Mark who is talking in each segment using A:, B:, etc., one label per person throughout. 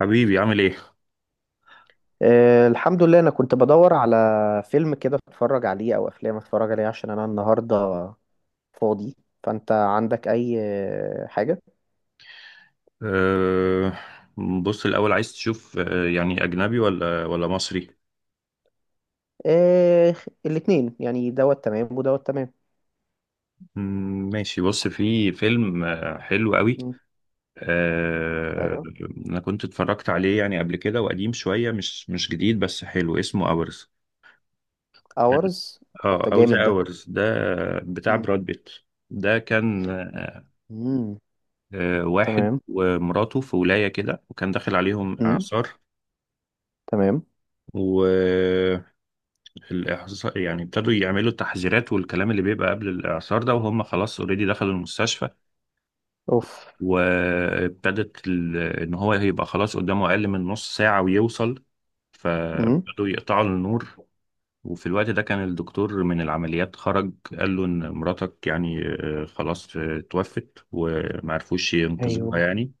A: حبيبي عامل ايه؟
B: أه، الحمد لله. انا كنت بدور على فيلم كده اتفرج عليه او افلام اتفرج عليه عشان انا النهارده فاضي. فانت عندك اي حاجه؟
A: أه بص الأول عايز تشوف يعني أجنبي ولا مصري؟
B: أه، الاتنين يعني دوت تمام ودوت تمام.
A: ماشي، بص في فيلم حلو قوي.
B: مم.
A: أه
B: ايوه.
A: أنا كنت اتفرجت عليه يعني قبل كده وقديم شوية، مش جديد بس حلو، اسمه أورز.
B: اورز؟ طب ده
A: اه، أو
B: جامد
A: ذا
B: ده.
A: أورز ده، بتاع
B: مم.
A: براد بيت. ده كان
B: مم.
A: واحد
B: تمام.
A: ومراته في ولاية كده وكان داخل عليهم
B: مم.
A: إعصار.
B: تمام.
A: الإعصار يعني ابتدوا يعملوا التحذيرات والكلام اللي بيبقى قبل الإعصار ده، وهم خلاص اوريدي دخلوا المستشفى.
B: اوف.
A: إن هو هيبقى خلاص قدامه أقل من نص ساعة ويوصل،
B: مم.
A: فابتدوا يقطعوا النور. وفي الوقت ده كان الدكتور من العمليات خرج، قال له إن مراتك يعني خلاص توفت ومعرفوش ينقذوها
B: ايوه.
A: يعني،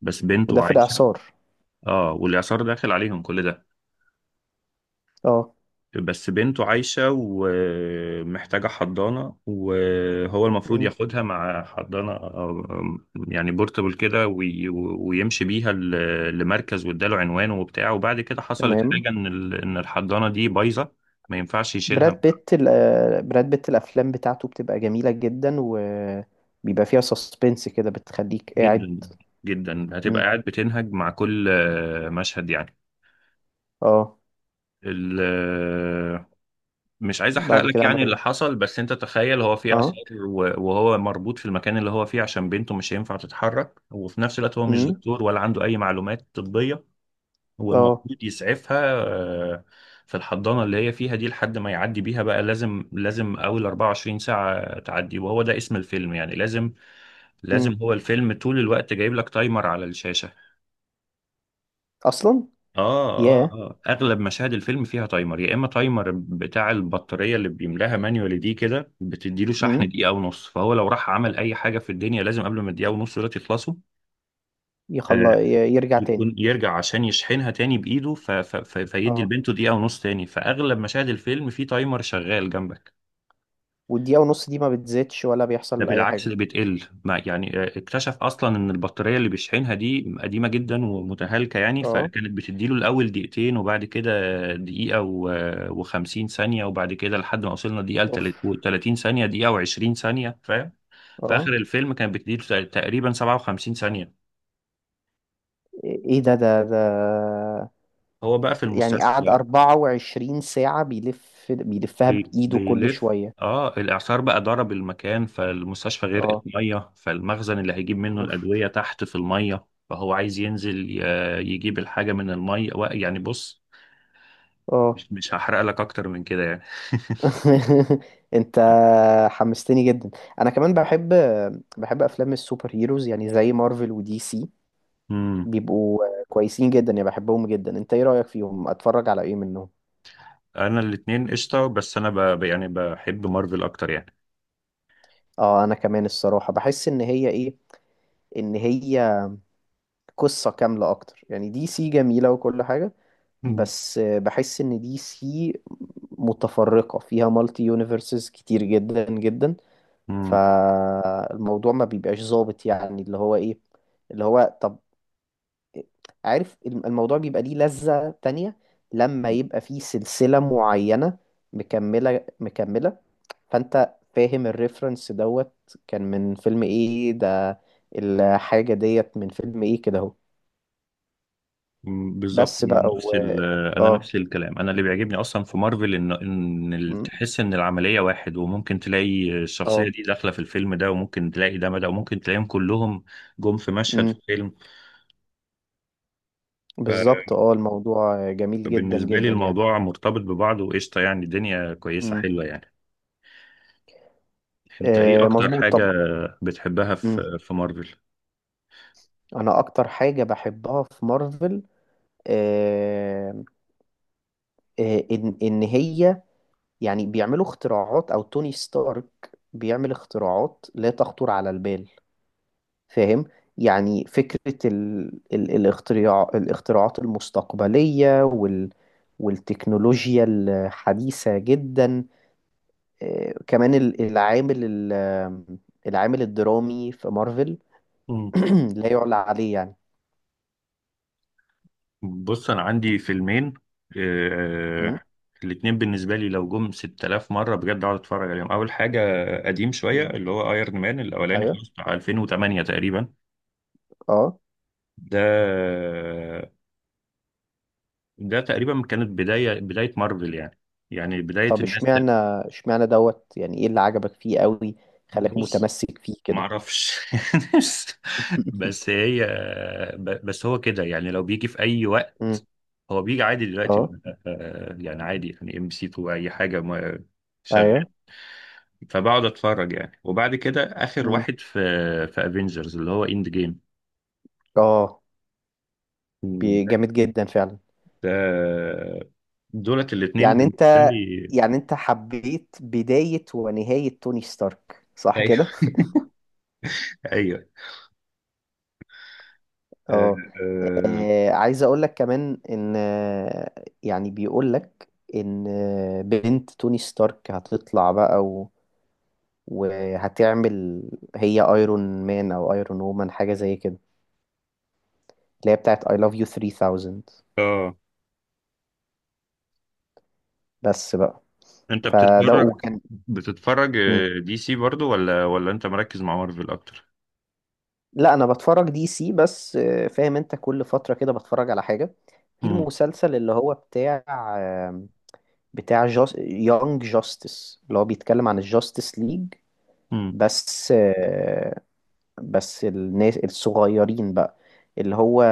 A: بس
B: وده
A: بنته
B: في
A: عايشة.
B: الاعصار؟
A: اه، والإعصار داخل عليهم كل ده.
B: اه.
A: بس بنته عايشة ومحتاجة حضانة، وهو المفروض
B: مم.
A: ياخدها مع حضانة يعني بورتبل كده، ويمشي بيها لمركز، واداله عنوانه وبتاع. وبعد كده حصلت
B: تمام.
A: حاجة، ان الحضانة دي بايظة، ما ينفعش يشيلها.
B: براد بيت الافلام بتاعته بتبقى جميله جدا، وبيبقى فيها سسبنس كده بتخليك قاعد.
A: جدا. جدا هتبقى
B: مم.
A: قاعد بتنهج مع كل مشهد يعني.
B: اه.
A: ال- مش عايز احرق
B: بعد
A: لك
B: كده
A: يعني
B: عمل
A: اللي
B: ايه؟
A: حصل، بس انت تخيل، هو في
B: اه.
A: عسكر وهو مربوط في المكان اللي هو فيه عشان بنته مش هينفع تتحرك، وفي نفس الوقت هو مش
B: امم
A: دكتور ولا عنده اي معلومات طبية. هو
B: اه.
A: المفروض يسعفها آه، في الحضانة اللي هي فيها دي، لحد ما يعدي بيها بقى، لازم اول 24 ساعة تعدي، وهو ده اسم الفيلم يعني. لازم
B: امم
A: لازم هو الفيلم طول الوقت جايب لك تايمر على الشاشة.
B: اصلا.
A: اه اه
B: ياه.
A: اه اغلب مشاهد الفيلم فيها تايمر، يا اما تايمر بتاع البطاريه اللي بيملاها مانيوالي دي، كده بتديله شحن
B: امم
A: دقيقه ونص، فهو لو راح عمل اي حاجه في الدنيا، لازم قبل ما الدقيقه ونص دول يخلصوا آه
B: يخلى يرجع تاني.
A: يكون يرجع عشان يشحنها تاني بايده ف فيدي
B: اه.
A: لبنته دقيقه ونص تاني. فاغلب مشاهد الفيلم فيه تايمر شغال جنبك.
B: والدقيقه ونص دي ما بتزيدش ولا
A: ده
B: بيحصل اي
A: بالعكس
B: حاجه؟
A: اللي بتقل، ما يعني اكتشف اصلا ان البطاريه اللي بيشحنها دي قديمه جدا ومتهالكه يعني،
B: اه.
A: فكانت بتديله الاول دقيقتين، وبعد كده دقيقه و50 ثانيه، وبعد كده لحد ما وصلنا دقيقه
B: اوف.
A: و30 ثانيه، دقيقه و20 ثانيه، فاهم؟ في
B: اه.
A: اخر الفيلم كانت بتديله تقريبا 57 ثانيه.
B: ايه، إيه ده ده ده؟
A: هو بقى في
B: يعني قعد
A: المستشفى،
B: 24 ساعه بيلفها بايده كل
A: بيلف.
B: شويه؟
A: اه، الاعصار بقى ضرب المكان، فالمستشفى غرقت
B: اه.
A: ميه، فالمخزن اللي هيجيب منه
B: اوف.
A: الادويه تحت في الميه، فهو عايز ينزل يجيب الحاجه من الميه يعني بص،
B: اه.
A: مش هحرق لك اكتر من كده يعني.
B: انت حمستني جدا. انا كمان بحب افلام السوبر هيروز يعني زي مارفل ودي سي.
A: امم،
B: بيبقوا كويسين جدا يعني، بحبهم جدا. انت ايه رأيك فيهم، اتفرج على ايه منهم؟
A: انا الاتنين قشطه، بس انا يعني بحب مارفل اكتر يعني.
B: اه، انا كمان الصراحة بحس ان هي قصة كاملة اكتر. يعني دي سي جميلة وكل حاجة، بس بحس ان دي سي متفرقة، فيها مالتي يونيفرسز كتير جدا جدا،
A: امم.
B: فالموضوع ما بيبقاش ظابط. يعني اللي هو ايه اللي هو طب، عارف الموضوع بيبقى ليه لذة تانية لما يبقى فيه سلسلة معينة مكملة مكملة. فانت فاهم الريفرنس دوت كان من فيلم ايه ده، الحاجة ديت من فيلم ايه كده اهو.
A: بالظبط.
B: بس بقى. و
A: انا
B: اه
A: نفس الكلام، انا اللي بيعجبني اصلا في مارفل
B: م-
A: تحس ان العمليه واحد، وممكن تلاقي
B: اه
A: الشخصيه دي داخله في الفيلم ده، وممكن تلاقي ده، وممكن تلاقيهم كلهم جم في مشهد
B: م-
A: في الفيلم.
B: بالظبط اه، الموضوع جميل جدا
A: فبالنسبه لي
B: جدا يعني.
A: الموضوع مرتبط ببعضه وقشطه، يعني الدنيا كويسه
B: م.
A: حلوه يعني. انت ايه اكتر
B: مظبوط.
A: حاجه
B: طب،
A: بتحبها
B: م.
A: في مارفل؟
B: انا اكتر حاجة بحبها في مارفل آه، ان هي يعني بيعملوا اختراعات، او توني ستارك بيعمل اختراعات لا تخطر على البال. فاهم؟ يعني فكرة ال... ال... الاختراع الاختراعات المستقبلية والتكنولوجيا الحديثة جدا. كمان ال- العامل ال... آه، العامل الدرامي في مارفل لا يعلى عليه يعني.
A: بص انا عندي فيلمين
B: م؟
A: آه الاتنين بالنسبه لي، لو جم 6000 مره بجد اقعد اتفرج عليهم. اول حاجه، قديم شويه،
B: إيه.
A: اللي هو ايرون مان الاولاني
B: ايوه.
A: خالص، بتاع 2008 تقريبا.
B: اه.
A: ده ده تقريبا كانت بدايه مارفل يعني، يعني بدايه
B: طب،
A: الناس
B: اشمعنى اشمعنى دوت، يعني ايه اللي عجبك فيه قوي خلاك
A: بص،
B: متمسك فيه
A: ما
B: كده؟
A: اعرفش. بس هي بس هو كده يعني، لو بيجي في اي وقت
B: م.
A: هو بيجي عادي دلوقتي
B: اه.
A: يعني عادي، يعني ام سي 2 اي حاجه
B: ايوه.
A: شغال، فبقعد اتفرج يعني. وبعد كده اخر
B: امم
A: واحد في في افنجرز اللي هو اند جيم.
B: اه.
A: مم.
B: جامد جدا فعلا.
A: آه، دولت الاثنين
B: يعني
A: بالنسبه
B: انت
A: لي
B: يعني انت حبيت بداية ونهاية توني ستارك صح
A: ايوه
B: كده؟
A: ايوه آه،
B: اه.
A: آه،
B: عايز اقول لك كمان ان آه، يعني بيقول لك ان آه، بنت توني ستارك هتطلع بقى وهتعمل هي ايرون مان او ايرون وومن حاجة زي كده، اللي هي بتاعت I love you 3000.
A: اه،
B: بس بقى.
A: انت
B: فده
A: بتتفرج،
B: وكان.
A: بتتفرج دي سي برضو ولا انت مركز مع مارفل اكتر؟
B: لا، انا بتفرج دي سي بس فاهم؟ انت كل فتره كده بتفرج على حاجه في
A: امم.
B: المسلسل اللي هو آه، بتاع جاست يونج جاستس، اللي هو بيتكلم عن الجاستس ليج.
A: امم.
B: بس آه، بس الناس الصغيرين بقى، اللي هو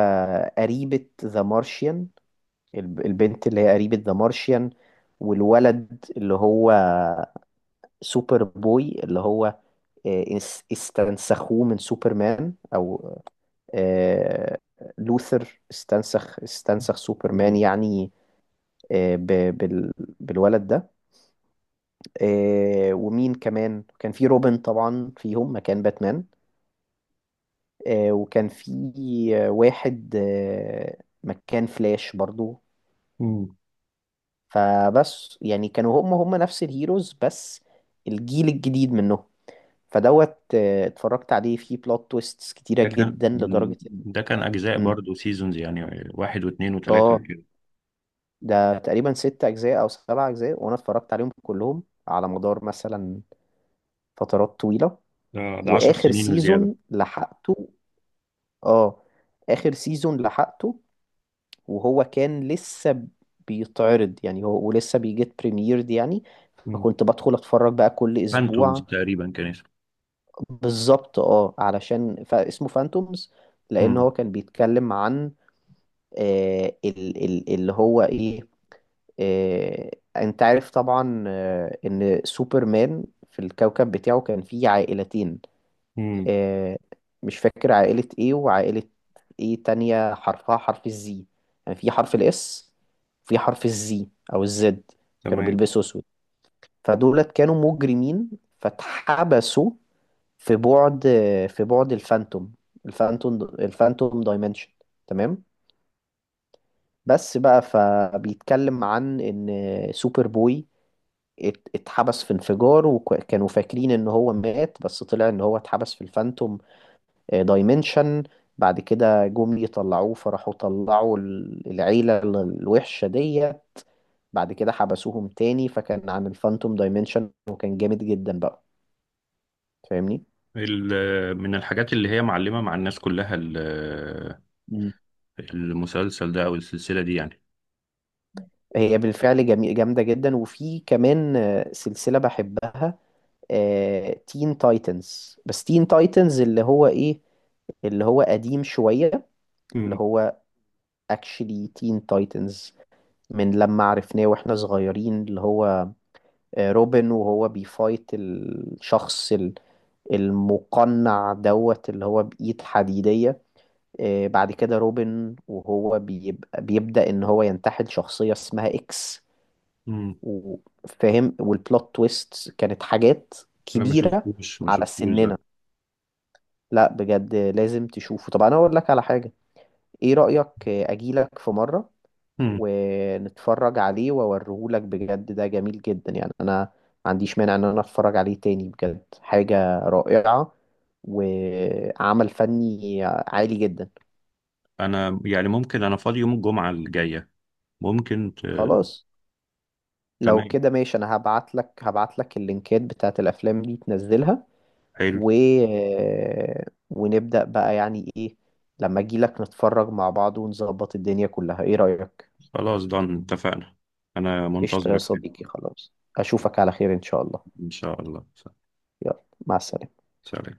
B: قريبة ذا مارشيان البنت اللي هي قريبة ذا مارشيان، والولد اللي هو سوبر بوي اللي هو آه، اس- استنسخوه من سوبرمان، او آه، لوثر استنسخ سوبرمان
A: مم.
B: يعني، آه، ب- بال- بالولد ده. ومين كمان كان في، روبن طبعا فيهم مكان باتمان، وكان في واحد مكان فلاش برضو.
A: مم.
B: فبس يعني كانوا هم نفس الهيروز بس الجيل الجديد منهم. فدوت اتفرجت عليه، فيه بلوت تويستس كتيرة
A: ده كان
B: جدا لدرجة ان...
A: ده كان اجزاء
B: مم.
A: برضو، سيزونز يعني واحد واثنين وثلاثه
B: اه.
A: كده.
B: ده تقريبا ست أجزاء أو سبع أجزاء، وأنا اتفرجت عليهم كلهم على مدار مثلا فترات طويلة.
A: اه، ده 10
B: وآخر
A: سنين وزياده.
B: سيزون لحقته آه سيزون لحقته، وهو كان لسه بيتعرض يعني، هو ولسه بيجيت بريميرد يعني.
A: مم.
B: فكنت بدخل أتفرج بقى كل
A: فانتومز
B: أسبوع.
A: تقريبا كان.
B: بالظبط، علشان فاسمه فانتومز. لأن هو
A: امم.
B: كان بيتكلم عن آه ال ال اللي هو إيه آه، انت عارف طبعا ان سوبرمان في الكوكب بتاعه كان فيه عائلتين.
A: امم.
B: آه، مش فاكر عائلة ايه وعائلة ايه تانية، حرفها حرف الزي. يعني في حرف الاس، في حرف الزي او الزد. كانوا
A: تمام.
B: بيلبسوا اسود، فدولت كانوا مجرمين، فاتحبسوا في بعد في بعد الفانتوم دايمنشن. تمام. بس بقى، فبيتكلم عن ان سوبر بوي اتحبس في انفجار، وكانوا فاكرين ان هو مات، بس طلع ان هو اتحبس في الفانتوم دايمنشن. بعد كده جم يطلعوه، فراحوا طلعوا العيلة الوحشة دي. بعد كده حبسوهم تاني، فكان عن الفانتوم دايمنشن، وكان جامد جدا بقى، فاهمني؟
A: من الحاجات اللي هي معلمة مع الناس كلها،
B: مم.
A: المسلسل ده او السلسلة دي يعني.
B: هي بالفعل جميل جامدة جدا. وفي كمان سلسلة بحبها، تين تايتنز، بس تين تايتنز اللي هو ايه، اللي هو قديم شوية، اللي
A: امم.
B: هو اكشلي تين تايتنز من لما عرفناه واحنا صغيرين. اللي هو روبن وهو بيفايت الشخص المقنع دوت اللي هو بإيد حديدية. بعد كده روبن وهو بيبدأ ان هو ينتحل شخصية اسمها اكس،
A: امم.
B: وفاهم، والبلوت تويست كانت حاجات
A: انا
B: كبيرة
A: ما
B: على
A: شفتوش
B: سننا.
A: ده.
B: لا بجد لازم تشوفه. طب انا اقول لك على حاجة، ايه رأيك اجيلك في مرة
A: امم.
B: ونتفرج عليه واوريهولك؟ بجد ده جميل جدا يعني، انا ما عنديش مانع ان انا اتفرج عليه تاني، بجد حاجة رائعة وعمل فني عالي جدا.
A: انا يعني ممكن، انا فاضي يوم الجمعة الجاية، ممكن
B: خلاص، لو
A: تمام،
B: كده ماشي، انا هبعت لك اللينكات بتاعت الافلام دي تنزلها،
A: حلو.
B: و... ونبدأ بقى، يعني ايه لما اجي لك نتفرج مع بعض ونظبط الدنيا كلها، ايه رأيك؟
A: خلاص ضن اتفقنا، انا
B: قشطة يا
A: منتظرك يعني.
B: صديقي، خلاص اشوفك على خير ان شاء الله.
A: ان شاء الله.
B: يلا مع السلامة.
A: سلام.